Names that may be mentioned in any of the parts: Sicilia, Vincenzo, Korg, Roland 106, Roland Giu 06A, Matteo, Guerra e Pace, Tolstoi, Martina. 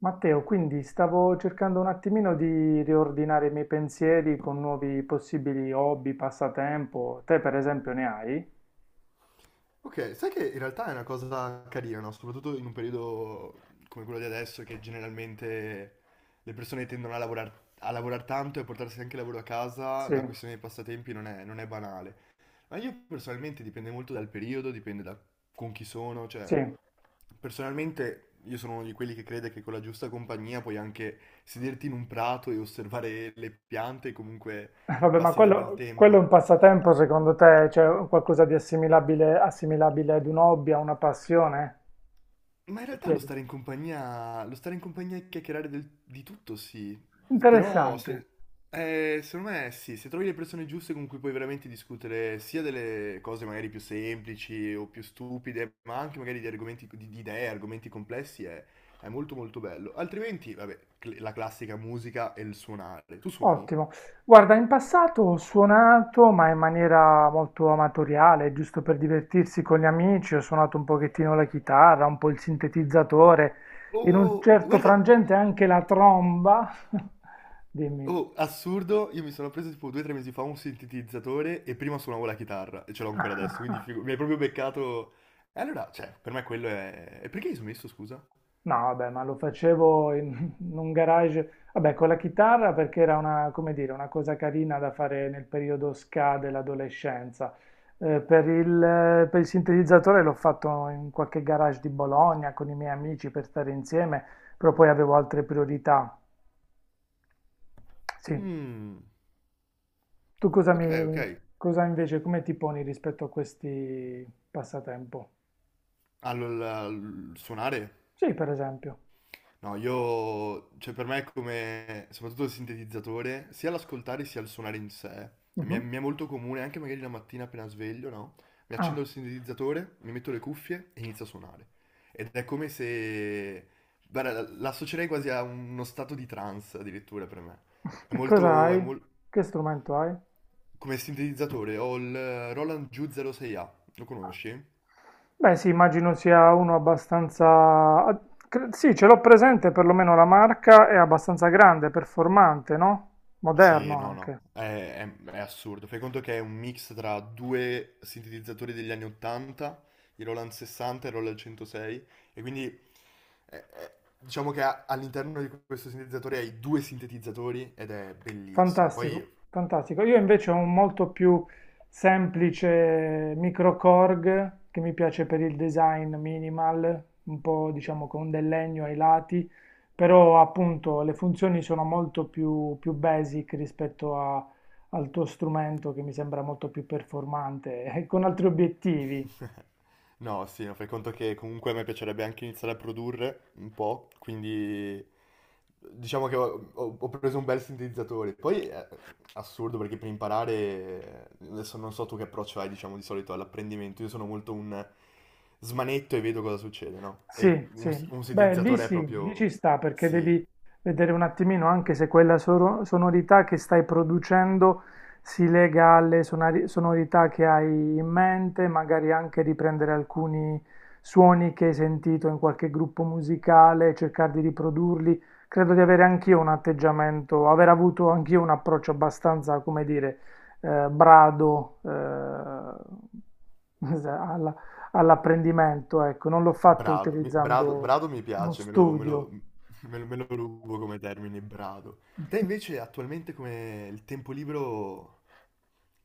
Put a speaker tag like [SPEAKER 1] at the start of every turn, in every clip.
[SPEAKER 1] Matteo, quindi stavo cercando un attimino di riordinare i miei pensieri con nuovi possibili hobby, passatempo. Te, per esempio, ne hai?
[SPEAKER 2] Ok, sai che in realtà è una cosa carina, no? Soprattutto in un periodo come quello di adesso, che generalmente le persone tendono a lavorar tanto e a portarsi anche il lavoro a casa,
[SPEAKER 1] Sì,
[SPEAKER 2] la questione dei passatempi non è banale. Ma io personalmente dipende molto dal periodo, dipende da con chi sono, cioè
[SPEAKER 1] sì.
[SPEAKER 2] personalmente io sono uno di quelli che crede che con la giusta compagnia puoi anche sederti in un prato e osservare le piante e comunque
[SPEAKER 1] Vabbè, ma
[SPEAKER 2] passi del bel
[SPEAKER 1] quello è un
[SPEAKER 2] tempo.
[SPEAKER 1] passatempo, secondo te? C'è qualcosa di assimilabile, assimilabile ad un hobby, a una passione?
[SPEAKER 2] Ma in
[SPEAKER 1] Ti
[SPEAKER 2] realtà lo
[SPEAKER 1] chiedo.
[SPEAKER 2] stare in compagnia, lo stare in compagnia e chiacchierare di tutto, sì. Però,
[SPEAKER 1] Interessante.
[SPEAKER 2] se, secondo me, sì, se trovi le persone giuste con cui puoi veramente discutere sia delle cose magari più semplici o più stupide, ma anche magari di argomenti, di idee, argomenti complessi, è molto molto bello. Altrimenti, vabbè, la classica musica e il suonare. Tu suoni?
[SPEAKER 1] Ottimo. Guarda, in passato ho suonato, ma in maniera molto amatoriale, giusto per divertirsi con gli amici, ho suonato un pochettino la chitarra, un po' il sintetizzatore, in un
[SPEAKER 2] Oh,
[SPEAKER 1] certo
[SPEAKER 2] guarda.
[SPEAKER 1] frangente anche la tromba. Dimmi.
[SPEAKER 2] Oh, assurdo, io mi sono preso tipo 2 o 3 mesi fa un sintetizzatore e prima suonavo la chitarra e ce l'ho ancora adesso, quindi mi hai proprio beccato... E allora, cioè, per me quello è... E perché hai smesso, scusa?
[SPEAKER 1] No, vabbè, ma lo facevo in, in un garage, vabbè, con la chitarra perché era una, come dire, una cosa carina da fare nel periodo ska dell'adolescenza. Per il sintetizzatore l'ho fatto in qualche garage di Bologna con i miei amici per stare insieme, però poi avevo altre priorità. Sì,
[SPEAKER 2] Mmm,
[SPEAKER 1] tu
[SPEAKER 2] ok, ok.
[SPEAKER 1] cosa invece, come ti poni rispetto a questi passatempo?
[SPEAKER 2] Allora, suonare?
[SPEAKER 1] Sì, per esempio.
[SPEAKER 2] No, io, cioè per me è come, soprattutto il sintetizzatore, sia l'ascoltare sia il suonare in sé,
[SPEAKER 1] Mhm.
[SPEAKER 2] mi è molto comune, anche magari la mattina appena sveglio, no? Mi
[SPEAKER 1] Ah,
[SPEAKER 2] accendo il sintetizzatore, mi metto le cuffie e inizio a suonare. Ed è come se, guarda, l'associerei quasi a uno stato di trance addirittura per me. È
[SPEAKER 1] e cosa
[SPEAKER 2] molto, è
[SPEAKER 1] hai?
[SPEAKER 2] mol-
[SPEAKER 1] Che strumento hai?
[SPEAKER 2] Come sintetizzatore ho il Roland Giu 06A, lo conosci?
[SPEAKER 1] Beh, sì, immagino sia uno abbastanza... ah, Sì, ce l'ho presente, perlomeno la marca è abbastanza grande, performante, no?
[SPEAKER 2] Sì,
[SPEAKER 1] Moderno
[SPEAKER 2] no, no,
[SPEAKER 1] anche.
[SPEAKER 2] è assurdo. Fai conto che è un mix tra due sintetizzatori degli anni 80, i Roland 60 e i Roland 106, e quindi diciamo che all'interno di questo sintetizzatore hai due sintetizzatori ed è bellissimo. Poi
[SPEAKER 1] Fantastico, fantastico. Io invece ho un molto più semplice micro Korg che mi piace per il design minimal, un po' diciamo con del legno ai lati, però appunto le funzioni sono molto più, più basic al tuo strumento che mi sembra molto più performante e con altri obiettivi.
[SPEAKER 2] no, sì, no, fai conto che comunque a me piacerebbe anche iniziare a produrre un po', quindi diciamo che ho preso un bel sintetizzatore. Poi è assurdo perché per imparare, adesso non so tu che approccio hai, diciamo, di solito all'apprendimento, io sono molto un smanetto e vedo cosa succede, no? E
[SPEAKER 1] Sì, sì,
[SPEAKER 2] un
[SPEAKER 1] beh, lì
[SPEAKER 2] sintetizzatore è
[SPEAKER 1] sì, lì ci
[SPEAKER 2] proprio...
[SPEAKER 1] sta perché
[SPEAKER 2] Sì,
[SPEAKER 1] devi vedere un attimino anche se quella sonorità che stai producendo si lega alle sonorità che hai in mente, magari anche riprendere alcuni suoni che hai sentito in qualche gruppo musicale, cercare di riprodurli. Credo di avere anch'io un atteggiamento, aver avuto anch'io un approccio abbastanza, come dire, brado, alla, all'apprendimento, ecco, non l'ho fatto
[SPEAKER 2] brado, brado,
[SPEAKER 1] utilizzando
[SPEAKER 2] brado mi
[SPEAKER 1] uno
[SPEAKER 2] piace,
[SPEAKER 1] studio.
[SPEAKER 2] me lo rubo come termine, brado. Te invece attualmente come il tempo libero...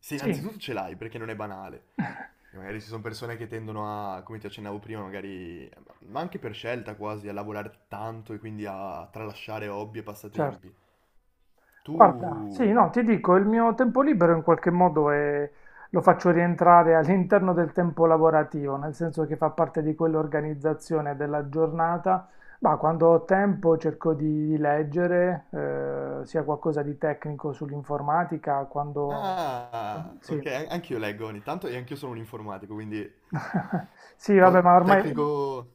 [SPEAKER 2] Sì,
[SPEAKER 1] Sì,
[SPEAKER 2] innanzitutto ce l'hai perché non è banale. E magari ci sono persone che tendono a, come ti accennavo prima, magari, ma anche per scelta quasi, a lavorare tanto e quindi a tralasciare hobby e
[SPEAKER 1] certo.
[SPEAKER 2] passatempi. Tu...
[SPEAKER 1] Guarda, sì, no, ti dico, il mio tempo libero in qualche modo lo faccio rientrare all'interno del tempo lavorativo, nel senso che fa parte di quell'organizzazione della giornata. Ma quando ho tempo cerco di leggere, sia qualcosa di tecnico sull'informatica, quando...
[SPEAKER 2] Ah,
[SPEAKER 1] Sì.
[SPEAKER 2] ok, anch'io leggo ogni tanto e anch'io sono un informatico, quindi
[SPEAKER 1] Sì, vabbè, ma ormai
[SPEAKER 2] tecnico.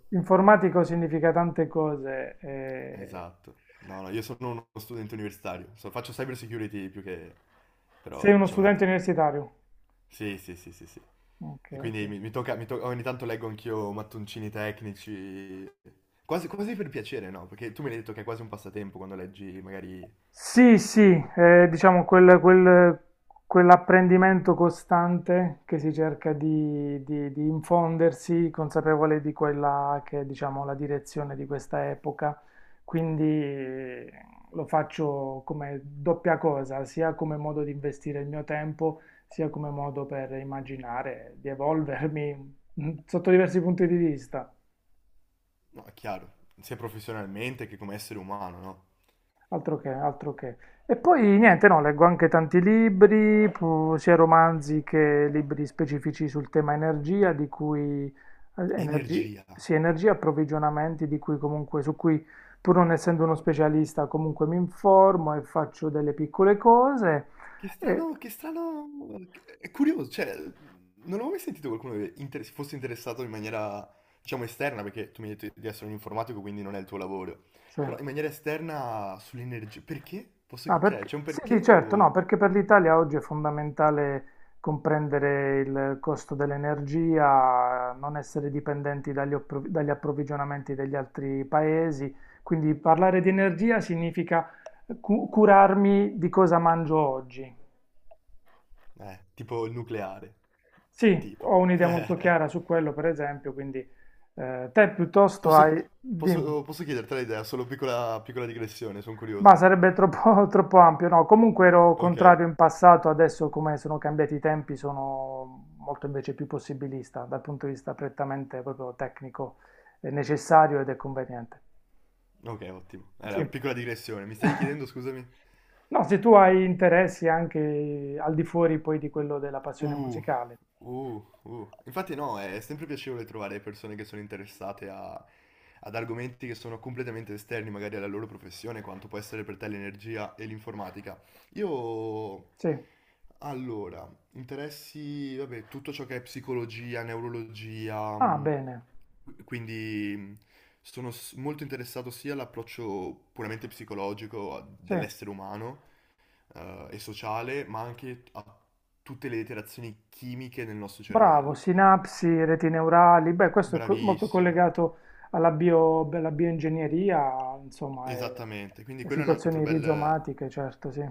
[SPEAKER 1] informatico significa tante cose. Eh.
[SPEAKER 2] Esatto. No, no, io sono uno studente universitario, faccio cyber security più che...
[SPEAKER 1] Sei
[SPEAKER 2] però
[SPEAKER 1] uno
[SPEAKER 2] diciamo...
[SPEAKER 1] studente universitario?
[SPEAKER 2] Sì, sì, sì, sì, sì.
[SPEAKER 1] Ok,
[SPEAKER 2] E
[SPEAKER 1] ok.
[SPEAKER 2] quindi mi tocca, ogni tanto leggo anch'io mattoncini tecnici, quasi, quasi per piacere, no? Perché tu mi hai detto che è quasi un passatempo quando leggi, magari...
[SPEAKER 1] Sì, sì, è, diciamo quell'apprendimento costante che si cerca di infondersi, consapevole di quella che è, diciamo, la direzione di questa epoca. Quindi lo faccio come doppia cosa, sia come modo di investire il mio tempo, sia come modo per immaginare di evolvermi mm, sotto diversi punti di vista.
[SPEAKER 2] No, è chiaro, sia professionalmente che come essere umano, no?
[SPEAKER 1] Altro che, altro che. E poi niente, no, leggo anche tanti libri, sia romanzi che libri specifici sul tema energia, di cui
[SPEAKER 2] Energia.
[SPEAKER 1] sì, energia, approvvigionamenti, di cui comunque, su cui pur non essendo uno specialista, comunque mi informo e faccio delle piccole cose. E,
[SPEAKER 2] Che strano, è curioso, cioè, non avevo mai sentito qualcuno che fosse interessato in maniera, diciamo, esterna, perché tu mi hai detto di essere un informatico, quindi non è il tuo lavoro,
[SPEAKER 1] sì.
[SPEAKER 2] però in maniera esterna sull'energia, perché? Posso, cioè, c'è un
[SPEAKER 1] Sì, sì,
[SPEAKER 2] perché
[SPEAKER 1] certo, no,
[SPEAKER 2] o...
[SPEAKER 1] perché per l'Italia oggi è fondamentale comprendere il costo dell'energia, non essere dipendenti dagli approvvigionamenti degli altri paesi, quindi parlare di energia significa curarmi di cosa mangio oggi.
[SPEAKER 2] Tipo il nucleare,
[SPEAKER 1] Sì,
[SPEAKER 2] tipo.
[SPEAKER 1] ho un'idea molto chiara su quello, per esempio, quindi te piuttosto
[SPEAKER 2] Posso,
[SPEAKER 1] hai... Dimmi.
[SPEAKER 2] posso chiederti l'idea, solo piccola, piccola digressione, sono
[SPEAKER 1] Ma
[SPEAKER 2] curioso.
[SPEAKER 1] sarebbe troppo, troppo ampio, no? Comunque ero
[SPEAKER 2] Ok,
[SPEAKER 1] contrario in passato, adesso come sono cambiati i tempi sono molto invece più possibilista dal punto di vista prettamente proprio tecnico, è necessario ed è conveniente.
[SPEAKER 2] ok, ottimo.
[SPEAKER 1] Sì.
[SPEAKER 2] Era piccola digressione, mi stavi chiedendo, scusami?
[SPEAKER 1] No, se tu hai interessi anche al di fuori poi di quello della passione
[SPEAKER 2] Uh,
[SPEAKER 1] musicale.
[SPEAKER 2] Infatti no, è sempre piacevole trovare persone che sono interessate ad argomenti che sono completamente esterni magari alla loro professione, quanto può essere per te l'energia e l'informatica. Io,
[SPEAKER 1] Sì.
[SPEAKER 2] allora, interessi, vabbè, tutto ciò che è psicologia, neurologia,
[SPEAKER 1] Ah, bene.
[SPEAKER 2] quindi sono molto interessato sia all'approccio puramente psicologico
[SPEAKER 1] Sì.
[SPEAKER 2] dell'essere umano, e sociale, ma anche a tutte le interazioni chimiche nel nostro
[SPEAKER 1] Bravo,
[SPEAKER 2] cervello.
[SPEAKER 1] sinapsi, reti neurali, beh, questo è molto
[SPEAKER 2] Bravissimo,
[SPEAKER 1] collegato alla alla bioingegneria, insomma, e
[SPEAKER 2] esattamente. Quindi quello è un altro
[SPEAKER 1] situazioni
[SPEAKER 2] bel,
[SPEAKER 1] rizomatiche, certo, sì.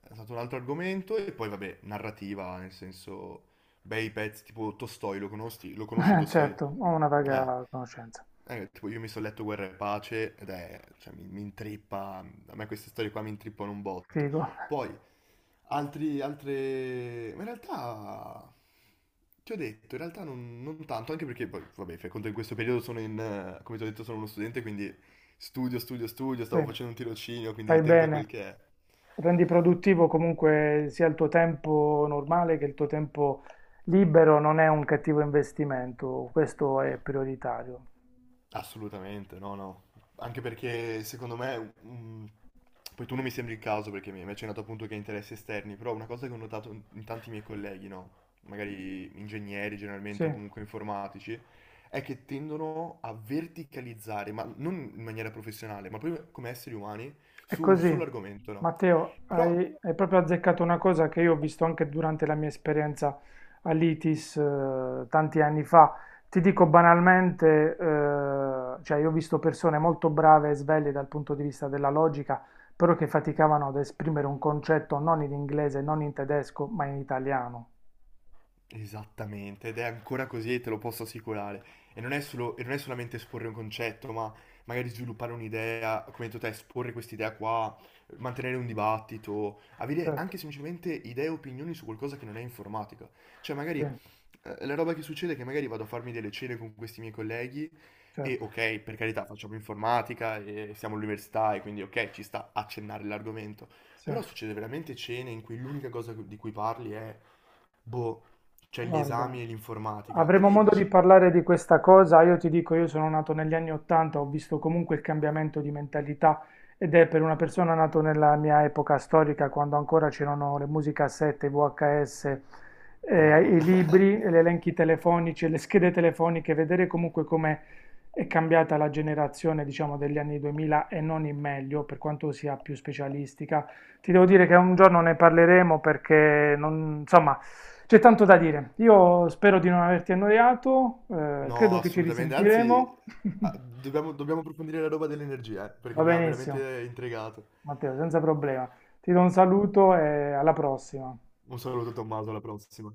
[SPEAKER 2] è stato un altro argomento e poi vabbè, narrativa, nel senso, bei pezzi tipo Tolstoi, lo conosci Tolstoi?
[SPEAKER 1] Certo, ho una
[SPEAKER 2] Eh,
[SPEAKER 1] vaga conoscenza.
[SPEAKER 2] tipo io mi sono letto Guerra e Pace ed è, cioè, mi intrippa, a me queste storie qua mi intrippano un botto.
[SPEAKER 1] Figo,
[SPEAKER 2] Poi, altri, altre, ma in realtà, ti ho detto, in realtà non tanto, anche perché poi, vabbè, fai conto in questo periodo sono in, come ti ho detto, sono uno studente, quindi studio, studio, studio,
[SPEAKER 1] sì,
[SPEAKER 2] stavo facendo un tirocinio, quindi il
[SPEAKER 1] fai
[SPEAKER 2] tempo è quel
[SPEAKER 1] bene.
[SPEAKER 2] che è.
[SPEAKER 1] Rendi produttivo comunque sia il tuo tempo normale che il tuo tempo libero, non è un cattivo investimento, questo è prioritario.
[SPEAKER 2] Assolutamente, no, no. Anche perché secondo me, poi tu non mi sembri il caso perché mi hai accennato appunto che hai interessi esterni, però una cosa che ho notato in tanti miei colleghi, no? Magari ingegneri generalmente o
[SPEAKER 1] Sì.
[SPEAKER 2] comunque informatici, è che tendono a verticalizzare, ma non in maniera professionale, ma proprio come esseri umani,
[SPEAKER 1] È
[SPEAKER 2] su un solo
[SPEAKER 1] così,
[SPEAKER 2] argomento, no?
[SPEAKER 1] Matteo,
[SPEAKER 2] Però,
[SPEAKER 1] hai, hai proprio azzeccato una cosa che io ho visto anche durante la mia esperienza all'ITIS tanti anni fa. Ti dico banalmente, cioè io ho visto persone molto brave e sveglie dal punto di vista della logica, però che faticavano ad esprimere un concetto non in inglese, non in tedesco, ma in italiano.
[SPEAKER 2] esattamente, ed è ancora così e te lo posso assicurare. E non è solo, e non è solamente esporre un concetto, ma magari sviluppare un'idea, come hai detto te, esporre quest'idea qua, mantenere un dibattito, avere
[SPEAKER 1] Certo,
[SPEAKER 2] anche semplicemente idee e opinioni su qualcosa che non è informatica. Cioè,
[SPEAKER 1] sì,
[SPEAKER 2] magari la roba che succede è che magari vado a farmi delle cene con questi miei colleghi e
[SPEAKER 1] certo,
[SPEAKER 2] ok, per carità, facciamo informatica e siamo all'università e quindi ok, ci sta accennare l'argomento.
[SPEAKER 1] sì.
[SPEAKER 2] Però succede veramente cene in cui l'unica cosa di cui parli è boh, c'è gli
[SPEAKER 1] Guarda.
[SPEAKER 2] esami e l'informatica. E
[SPEAKER 1] Avremo
[SPEAKER 2] lei
[SPEAKER 1] modo di
[SPEAKER 2] dici,
[SPEAKER 1] parlare di questa cosa. Io ti dico, io sono nato negli anni 80, ho visto comunque il cambiamento di mentalità ed è per una persona nato nella mia epoca storica, quando ancora c'erano le musicassette, i VHS, i
[SPEAKER 2] Madonna.
[SPEAKER 1] libri, gli elenchi telefonici, le schede telefoniche, vedere comunque come è cambiata la generazione, diciamo, degli anni 2000 e non in meglio, per quanto sia più specialistica. Ti devo dire che un giorno ne parleremo perché non, insomma, c'è tanto da dire. Io spero di non averti annoiato,
[SPEAKER 2] No,
[SPEAKER 1] credo che ci
[SPEAKER 2] assolutamente, anzi,
[SPEAKER 1] risentiremo.
[SPEAKER 2] ah, dobbiamo approfondire la roba dell'energia, perché
[SPEAKER 1] Va
[SPEAKER 2] mi ha
[SPEAKER 1] benissimo,
[SPEAKER 2] veramente intrigato.
[SPEAKER 1] Matteo, senza problema. Ti do un saluto e alla prossima.
[SPEAKER 2] Un saluto Tommaso, alla prossima.